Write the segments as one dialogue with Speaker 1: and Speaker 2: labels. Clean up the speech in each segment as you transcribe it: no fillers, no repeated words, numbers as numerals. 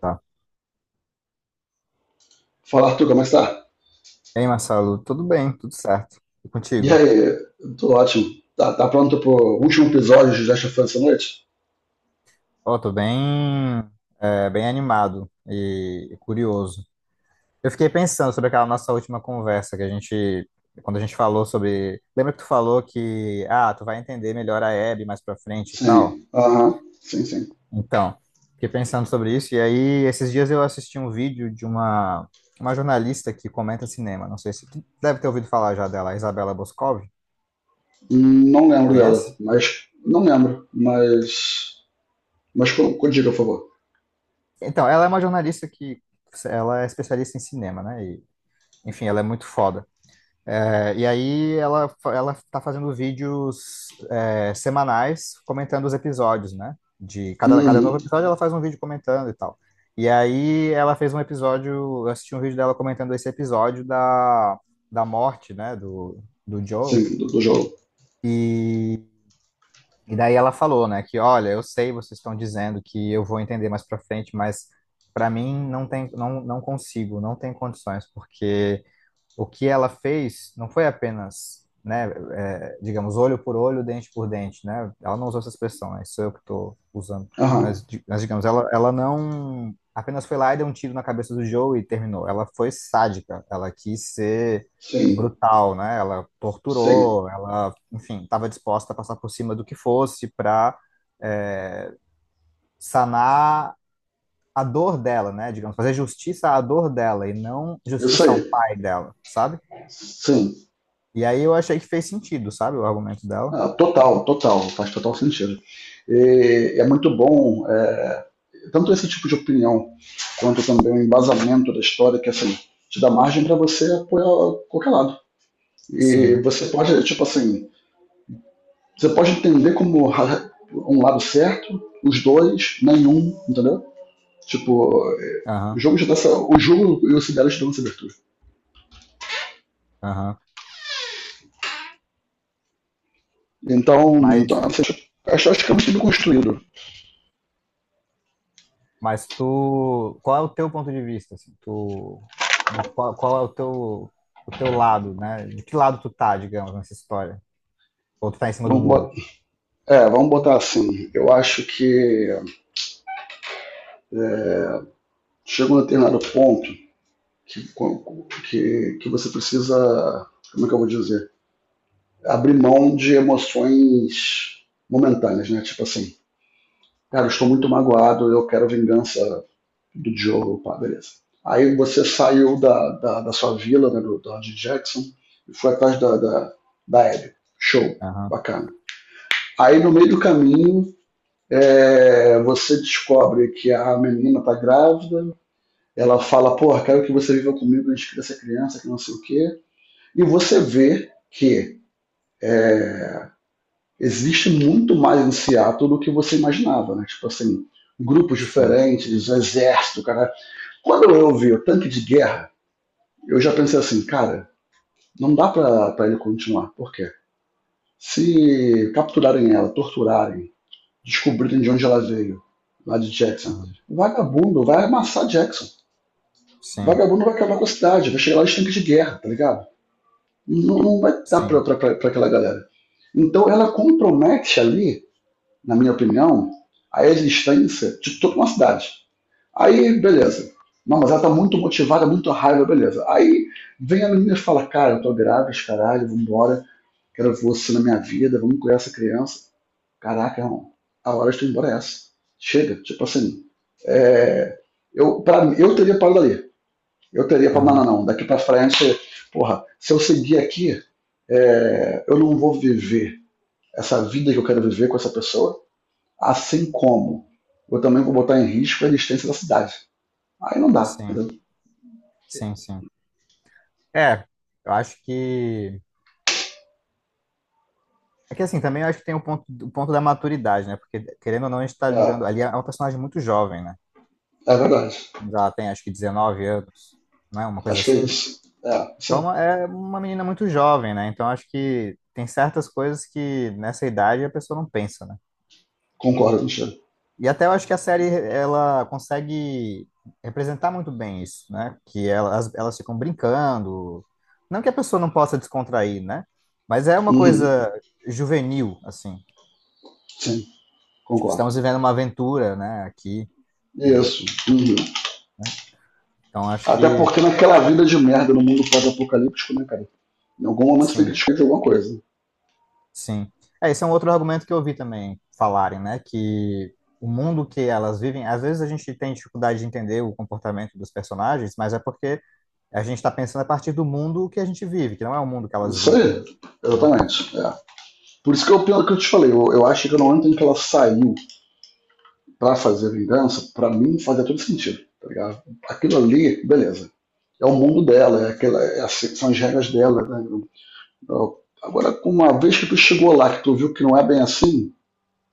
Speaker 1: Tá.
Speaker 2: Fala, Arthur, como é que tá?
Speaker 1: Ei, Marcelo, tudo bem, tudo certo. E
Speaker 2: E
Speaker 1: contigo?
Speaker 2: aí, tudo ótimo. Tá pronto pro último episódio de Just a Fan essa noite?
Speaker 1: Ó, tô bem, bem animado e curioso. Eu fiquei pensando sobre aquela nossa última conversa quando a gente falou sobre, lembra que tu falou que, ah, tu vai entender melhor a Hebe mais pra frente e tal?
Speaker 2: Sim, aham, sim, sim.
Speaker 1: Então, fiquei pensando sobre isso e aí esses dias eu assisti um vídeo de uma jornalista que comenta cinema. Não sei se tu deve ter ouvido falar já dela, a Isabela Boscov,
Speaker 2: Não lembro dela,
Speaker 1: conhece?
Speaker 2: mas. Não lembro, mas. Mas condiga, por favor.
Speaker 1: Então, ela é uma jornalista que ela é especialista em cinema, né? E, enfim, ela é muito foda. E aí ela tá fazendo vídeos semanais comentando os episódios, né? De cada
Speaker 2: Uhum,
Speaker 1: novo episódio ela faz um vídeo comentando e tal. E aí ela fez um episódio, eu assisti um vídeo dela comentando esse episódio da morte, né? Do Joe.
Speaker 2: sim, do jogo.
Speaker 1: e E daí ela falou, né, que olha, eu sei, vocês estão dizendo que eu vou entender mais para frente, mas para mim não tem, não, não consigo, não tem condições, porque o que ela fez não foi apenas, né, digamos, olho por olho, dente por dente, né? Ela não usou essa expressão, né? Isso sou eu que estou usando.
Speaker 2: Aham,
Speaker 1: Mas, digamos, ela não apenas foi lá e deu um tiro na cabeça do Joe e terminou. Ela foi sádica, ela quis ser
Speaker 2: sim,
Speaker 1: brutal, né? Ela
Speaker 2: sim.
Speaker 1: torturou, ela, enfim, estava disposta a passar por cima do que fosse para sanar a dor dela, né? Digamos, fazer justiça à dor dela e não
Speaker 2: Isso
Speaker 1: justiça ao
Speaker 2: aí,
Speaker 1: pai dela, sabe?
Speaker 2: sim.
Speaker 1: E aí eu achei que fez sentido, sabe, o argumento dela.
Speaker 2: Ah, total, total, faz total sentido. E é muito bom, é, tanto esse tipo de opinião quanto também o embasamento da história, que assim, te dá margem para você apoiar qualquer lado. E
Speaker 1: Sim,
Speaker 2: você pode, tipo assim, você pode entender como um lado certo, os dois, nenhum, entendeu? Tipo, o
Speaker 1: aham,
Speaker 2: jogo já dá essa, o jogo e o Sibéria te dão essa abertura.
Speaker 1: aham.
Speaker 2: Então, então
Speaker 1: Mas,
Speaker 2: assim, acho, acho que é muito bem construído.
Speaker 1: mas tu, qual é o teu ponto de vista, assim, tu, né, qual é o teu lado, né? De que lado tu tá, digamos, nessa história? Ou tu tá em cima do
Speaker 2: Vamos
Speaker 1: muro?
Speaker 2: botar, é, vamos botar assim. Eu acho que chega um determinado ponto que, que você precisa. Como é que eu vou dizer? Abrir mão de emoções momentâneas, né? Tipo assim, cara, eu estou muito magoado, eu quero vingança do Diogo, pá, beleza. Aí você saiu da sua vila, né, do George Jackson, e foi atrás da Abby. Show,
Speaker 1: Aham,
Speaker 2: bacana. Aí no meio do caminho, é, você descobre que a menina tá grávida, ela fala, porra, quero que você viva comigo, a gente cria essa criança, que não sei o quê. E você vê que existe muito mais em Seattle do que você imaginava, né? Tipo assim, grupos
Speaker 1: sim,
Speaker 2: diferentes, um exército, cara. Quando eu vi o tanque de guerra, eu já pensei assim, cara, não dá pra ele continuar. Por quê? Se capturarem ela, torturarem, descobrirem de onde ela veio, lá de Jackson,
Speaker 1: aham,
Speaker 2: vagabundo vai amassar Jackson.
Speaker 1: sim,
Speaker 2: Vagabundo vai acabar com a cidade, vai chegar lá os tanque de guerra, tá ligado? Não, não vai dar pra,
Speaker 1: sim,
Speaker 2: pra, pra, pra aquela galera. Então ela compromete ali, na minha opinião, a existência de toda uma cidade. Aí, beleza. Não, mas ela tá muito motivada, muito raiva, beleza. Aí vem a menina e fala, cara, eu tô grávida, os caralho, vambora, quero você na minha vida, vamos cuidar essa criança. Caraca, irmão, a hora de tu ir embora é essa. Chega, tipo assim. Eu, pra, mim, eu teria parado ali. Eu teria falado, não,
Speaker 1: aham,
Speaker 2: não, não, daqui pra frente, porra, se eu seguir aqui, é, eu não vou viver essa vida que eu quero viver com essa pessoa, assim como eu também vou botar em risco a existência da cidade. Aí não dá,
Speaker 1: sim,
Speaker 2: entendeu?
Speaker 1: sim, sim. É, eu acho que, é que assim, também eu acho que tem o ponto da maturidade, né? Porque, querendo ou não, a gente tá
Speaker 2: É,
Speaker 1: lidando, ali é um personagem muito jovem, né?
Speaker 2: é verdade.
Speaker 1: Mas ela tem acho que 19 anos, não é? Uma coisa
Speaker 2: Acho que é
Speaker 1: assim.
Speaker 2: isso. É, isso aí.
Speaker 1: Então é uma menina muito jovem, né? Então acho que tem certas coisas que nessa idade a pessoa não pensa, né?
Speaker 2: Concordo, Michel.
Speaker 1: E até eu acho que a série ela consegue representar muito bem isso, né? Que elas ficam brincando. Não que a pessoa não possa descontrair, né? Mas é uma
Speaker 2: Uhum.
Speaker 1: coisa juvenil, assim.
Speaker 2: Sim,
Speaker 1: Tipo,
Speaker 2: concordo.
Speaker 1: estamos vivendo uma aventura, né? Aqui. E,
Speaker 2: Isso. Uhum.
Speaker 1: então acho
Speaker 2: Até
Speaker 1: que
Speaker 2: porque naquela vida de merda no mundo pós-apocalíptico, né, cara? Em algum momento você tem que
Speaker 1: sim.
Speaker 2: descobrir de alguma coisa.
Speaker 1: Sim. Esse é um outro argumento que eu ouvi também falarem, né? Que o mundo que elas vivem, às vezes a gente tem dificuldade de entender o comportamento dos personagens, mas é porque a gente está pensando a partir do mundo que a gente vive, que não é o mundo que elas
Speaker 2: Isso
Speaker 1: vivem,
Speaker 2: aí,
Speaker 1: né?
Speaker 2: exatamente. É. Por isso que eu, pelo que eu te falei, eu acho que no momento em que ela saiu pra fazer vingança, pra mim fazia todo sentido, tá ligado? Aquilo ali, beleza. É o mundo dela, é aquela, é assim, são as regras dela. Né? Agora, uma vez que tu chegou lá, que tu viu que não é bem assim,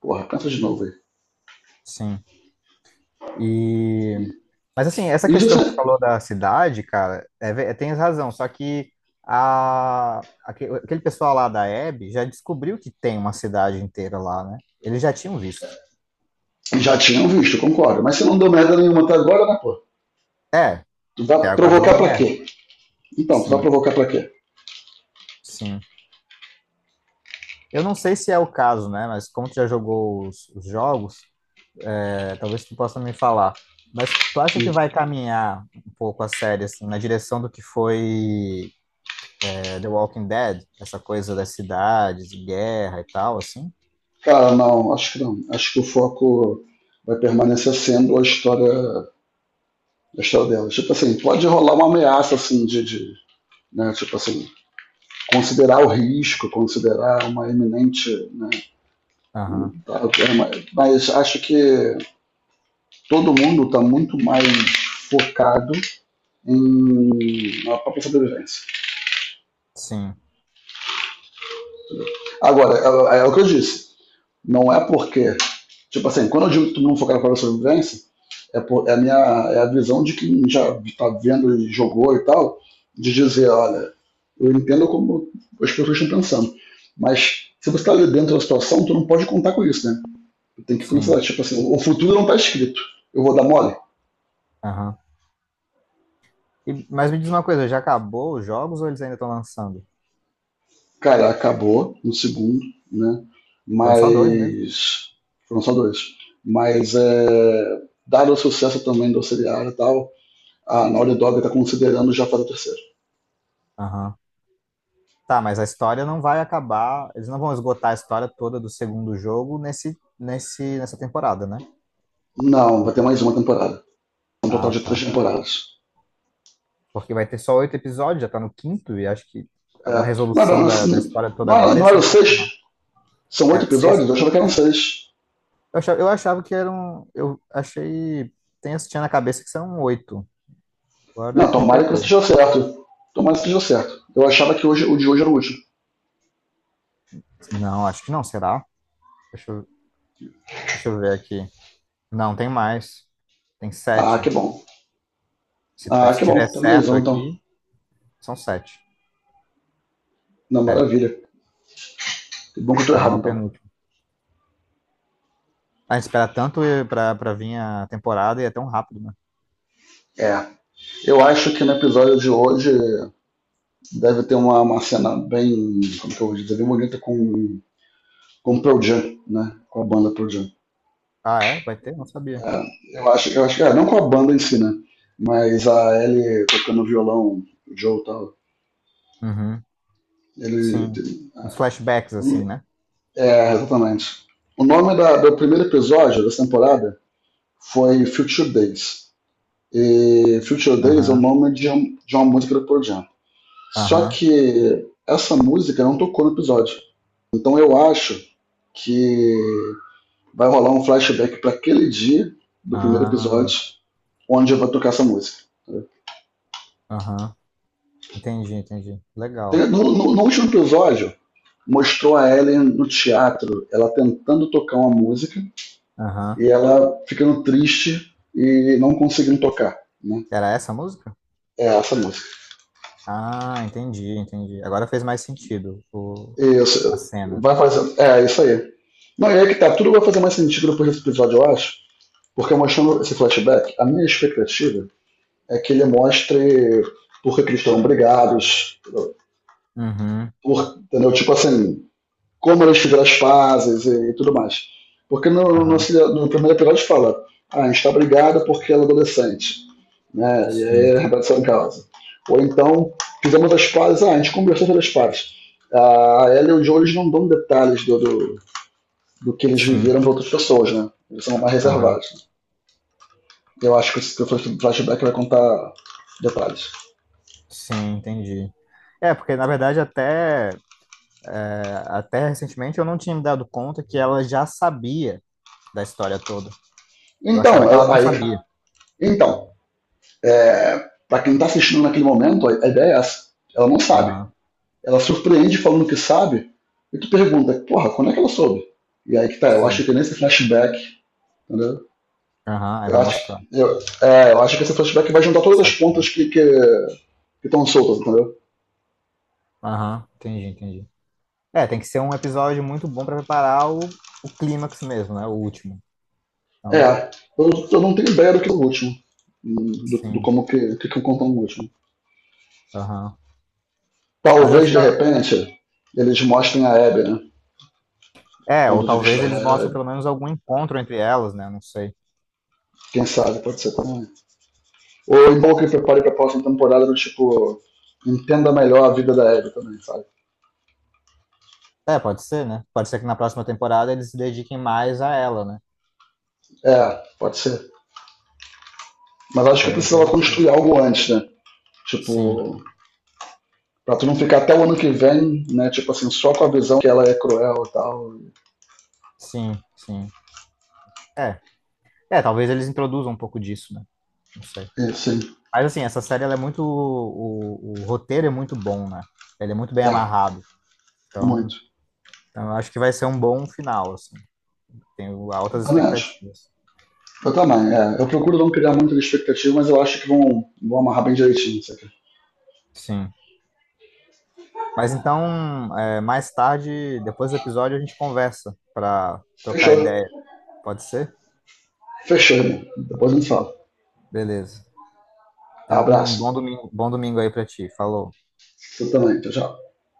Speaker 2: porra, pensa de novo aí.
Speaker 1: Sim. E... Mas assim, essa
Speaker 2: E
Speaker 1: questão
Speaker 2: já,
Speaker 1: que tu falou da cidade, cara, tens razão, só que a... aquele pessoal lá da Abby já descobriu que tem uma cidade inteira lá, né? Eles já tinham visto.
Speaker 2: já tinham visto, concordo, mas você não deu merda nenhuma até agora, né, pô?
Speaker 1: É,
Speaker 2: Tu vai
Speaker 1: até agora não
Speaker 2: provocar
Speaker 1: deu
Speaker 2: pra quê?
Speaker 1: merda.
Speaker 2: Então, tu vai
Speaker 1: Sim,
Speaker 2: provocar pra quê?
Speaker 1: sim. Eu não sei se é o caso, né? Mas como tu já jogou os jogos, talvez tu possa me falar. Mas tu acha que vai caminhar um pouco a série assim, na direção do que foi The Walking Dead? Essa coisa das cidades, guerra e tal, assim?
Speaker 2: Cara, não, acho que não. Acho que o foco vai permanecer sendo a história dela. Tipo assim, pode rolar uma ameaça, assim, de né, tipo assim, considerar o risco, considerar uma iminente, né.
Speaker 1: Aham.
Speaker 2: Claro. É. Mas acho que todo mundo está muito mais focado em na própria sobrevivência.
Speaker 1: Sim,
Speaker 2: Agora, é, é o que eu disse. Não é porque. Tipo assim, quando eu digo que todo mundo focado na própria sobrevivência, é, é a minha, é a visão de quem já está vendo e jogou e tal, de dizer, olha, eu entendo como as pessoas estão pensando, mas se você está ali dentro da situação, tu não pode contar com isso, né? Tem que considerar,
Speaker 1: sim.
Speaker 2: tipo assim, o futuro não está escrito. Eu vou dar mole?
Speaker 1: Aham. Mas me diz uma coisa, já acabou os jogos ou eles ainda estão lançando?
Speaker 2: Cara, acabou no segundo, né?
Speaker 1: Foram só dois mesmo?
Speaker 2: Mas. Foram só dois. Mas, é, dado o sucesso também do seriado e tal, a Naughty Dog está considerando já fazer a terceira.
Speaker 1: Aham. Tá, mas a história não vai acabar. Eles não vão esgotar a história toda do segundo jogo nessa temporada, né?
Speaker 2: Não, vai
Speaker 1: Ou-
Speaker 2: ter mais uma temporada. Um total
Speaker 1: Ah,
Speaker 2: de três
Speaker 1: tá.
Speaker 2: temporadas.
Speaker 1: Porque vai ter só oito episódios, já tá no quinto, e acho que uma
Speaker 2: É. Não, era,
Speaker 1: resolução
Speaker 2: não,
Speaker 1: da história toda
Speaker 2: não, era,
Speaker 1: agora ia
Speaker 2: não
Speaker 1: ser
Speaker 2: era
Speaker 1: um pouco
Speaker 2: seis?
Speaker 1: rápido.
Speaker 2: São oito
Speaker 1: É,
Speaker 2: episódios?
Speaker 1: sexto.
Speaker 2: Eu achava que eram seis.
Speaker 1: Eu achava que eram. Eu achei. Tinha na cabeça que são oito. Agora
Speaker 2: Não,
Speaker 1: tu me
Speaker 2: tomara que
Speaker 1: pegou.
Speaker 2: esteja certo. Tomara que esteja certo. Eu achava que hoje, o de hoje era o último.
Speaker 1: Não, acho que não, será? Deixa eu, Deixa eu ver aqui. Não, tem mais. Tem
Speaker 2: Ah, que
Speaker 1: sete.
Speaker 2: bom.
Speaker 1: Se, tá-
Speaker 2: Ah,
Speaker 1: se
Speaker 2: que
Speaker 1: tiver
Speaker 2: bom. Tá mais
Speaker 1: certo
Speaker 2: um então.
Speaker 1: aqui, são sete.
Speaker 2: Não,
Speaker 1: É,
Speaker 2: maravilha. Que bom que eu tô
Speaker 1: então é
Speaker 2: errado,
Speaker 1: o
Speaker 2: então.
Speaker 1: penúltimo. A gente espera tanto pra vir a temporada e é tão rápido, né?
Speaker 2: É. Eu acho que no episódio de hoje deve ter uma cena bem, como que eu vou dizer, bem bonita com o Pearl Jam, né? Com a banda Pearl Jam.
Speaker 1: Ah, é? Vai ter? Não sabia.
Speaker 2: É, eu acho que, é, não com a banda em si, né? Mas a Ellie tocando violão, o Joe e tal.
Speaker 1: Uhum.
Speaker 2: Ele,
Speaker 1: Sim. Uns flashbacks, assim,
Speaker 2: ele-
Speaker 1: né?
Speaker 2: é, exatamente. O nome do primeiro episódio dessa temporada foi Future Days. E Future Days é o
Speaker 1: Aham,
Speaker 2: nome de, de uma música do Pearl Jam. Só
Speaker 1: aham,
Speaker 2: que essa música não tocou no episódio. Então eu acho que vai rolar um flashback para aquele dia do primeiro
Speaker 1: ah,
Speaker 2: episódio, onde eu vou tocar essa música.
Speaker 1: aham. Entendi, entendi. Legal.
Speaker 2: No último episódio, mostrou a Ellen no teatro, ela tentando tocar uma música
Speaker 1: Aham.
Speaker 2: e ela ficando triste e não conseguindo tocar. Né?
Speaker 1: Era essa a música?
Speaker 2: É essa música.
Speaker 1: Ah, entendi, entendi. Agora fez mais sentido
Speaker 2: Isso.
Speaker 1: a cena.
Speaker 2: Vai fazer. É, isso aí. Não, e aí que tá, tudo vai fazer mais sentido depois desse episódio, eu acho. Porque mostrando esse flashback, a minha expectativa é que ele mostre por que, que eles estão brigados,
Speaker 1: Uhum,
Speaker 2: por, entendeu? Tipo assim, como eles fizeram as pazes e tudo mais. Porque no, no,
Speaker 1: aham.
Speaker 2: no, primeiro episódio fala, ah, a gente está brigado porque ela é adolescente, né? E
Speaker 1: Sim,
Speaker 2: aí a redação em causa. Ou então, fizemos as pazes, ah, a gente conversou sobre as pazes. A ela e o Joe eles não dão detalhes do que eles
Speaker 1: sim,
Speaker 2: viveram para outras pessoas, né? Eles são mais
Speaker 1: aham.
Speaker 2: reservados. Eu acho que o flashback vai contar detalhes.
Speaker 1: Sim, entendi. É, porque na verdade até recentemente eu não tinha me dado conta que ela já sabia da história toda. Eu achava que ela
Speaker 2: Então,
Speaker 1: não
Speaker 2: aí,
Speaker 1: sabia.
Speaker 2: então, para quem está assistindo naquele momento, a ideia é essa. Ela não sabe.
Speaker 1: Aham,
Speaker 2: Ela surpreende falando que sabe, e tu pergunta, porra, quando é que ela soube? E aí que tá, eu acho
Speaker 1: sim.
Speaker 2: que nesse flashback, entendeu?
Speaker 1: Aham, aí
Speaker 2: Eu
Speaker 1: vai
Speaker 2: acho,
Speaker 1: mostrar.
Speaker 2: eu, é, eu acho que esse flashback vai juntar todas as pontas
Speaker 1: Saquei.
Speaker 2: que estão soltas, entendeu?
Speaker 1: Aham, entendi, entendi. É, tem que ser um episódio muito bom pra preparar o clímax mesmo, né? O último. Então,
Speaker 2: É, eu não tenho ideia do que é o último, do, do
Speaker 1: sim.
Speaker 2: como que eu conto no último.
Speaker 1: Aham. Mas eu
Speaker 2: Talvez,
Speaker 1: acho
Speaker 2: de
Speaker 1: que.
Speaker 2: repente, eles mostrem a Abby, né?
Speaker 1: É, ou
Speaker 2: Ponto de
Speaker 1: talvez
Speaker 2: vista
Speaker 1: eles
Speaker 2: da
Speaker 1: mostrem
Speaker 2: Abby.
Speaker 1: pelo menos algum encontro entre elas, né? Não sei.
Speaker 2: Quem sabe, pode ser também. Ou é bom que ele prepare pra próxima temporada do tipo. Entenda melhor a vida da Abby também, sabe?
Speaker 1: É, pode ser, né? Pode ser que na próxima temporada eles se dediquem mais a ela, né?
Speaker 2: É, pode ser. Mas acho que eu
Speaker 1: Seria
Speaker 2: precisava
Speaker 1: interessante.
Speaker 2: construir algo antes, né?
Speaker 1: Sim,
Speaker 2: Tipo, pra tu não ficar até o ano que vem, né? Tipo assim, só com a visão que ela é cruel e tal.
Speaker 1: sim, sim. É. É, talvez eles introduzam um pouco disso, né? Não sei.
Speaker 2: E, sim,
Speaker 1: Mas assim, essa série ela é muito. O roteiro é muito bom, né? Ele é muito bem
Speaker 2: é,
Speaker 1: amarrado. Então,
Speaker 2: muito.
Speaker 1: então eu acho que vai ser um bom final, assim. Tenho altas
Speaker 2: Também acho.
Speaker 1: expectativas.
Speaker 2: Eu também, é. Eu procuro não criar muita expectativa, mas eu acho que vão, vão amarrar bem direitinho isso aqui.
Speaker 1: Sim. Mas então, mais tarde, depois do episódio, a gente conversa para trocar
Speaker 2: Fechou.
Speaker 1: ideia. Pode ser?
Speaker 2: Fechou, irmão. Depois a gente fala.
Speaker 1: Beleza. Então,
Speaker 2: Abraço.
Speaker 1: bom domingo aí para ti. Falou.
Speaker 2: Tu também. Tchau, tchau.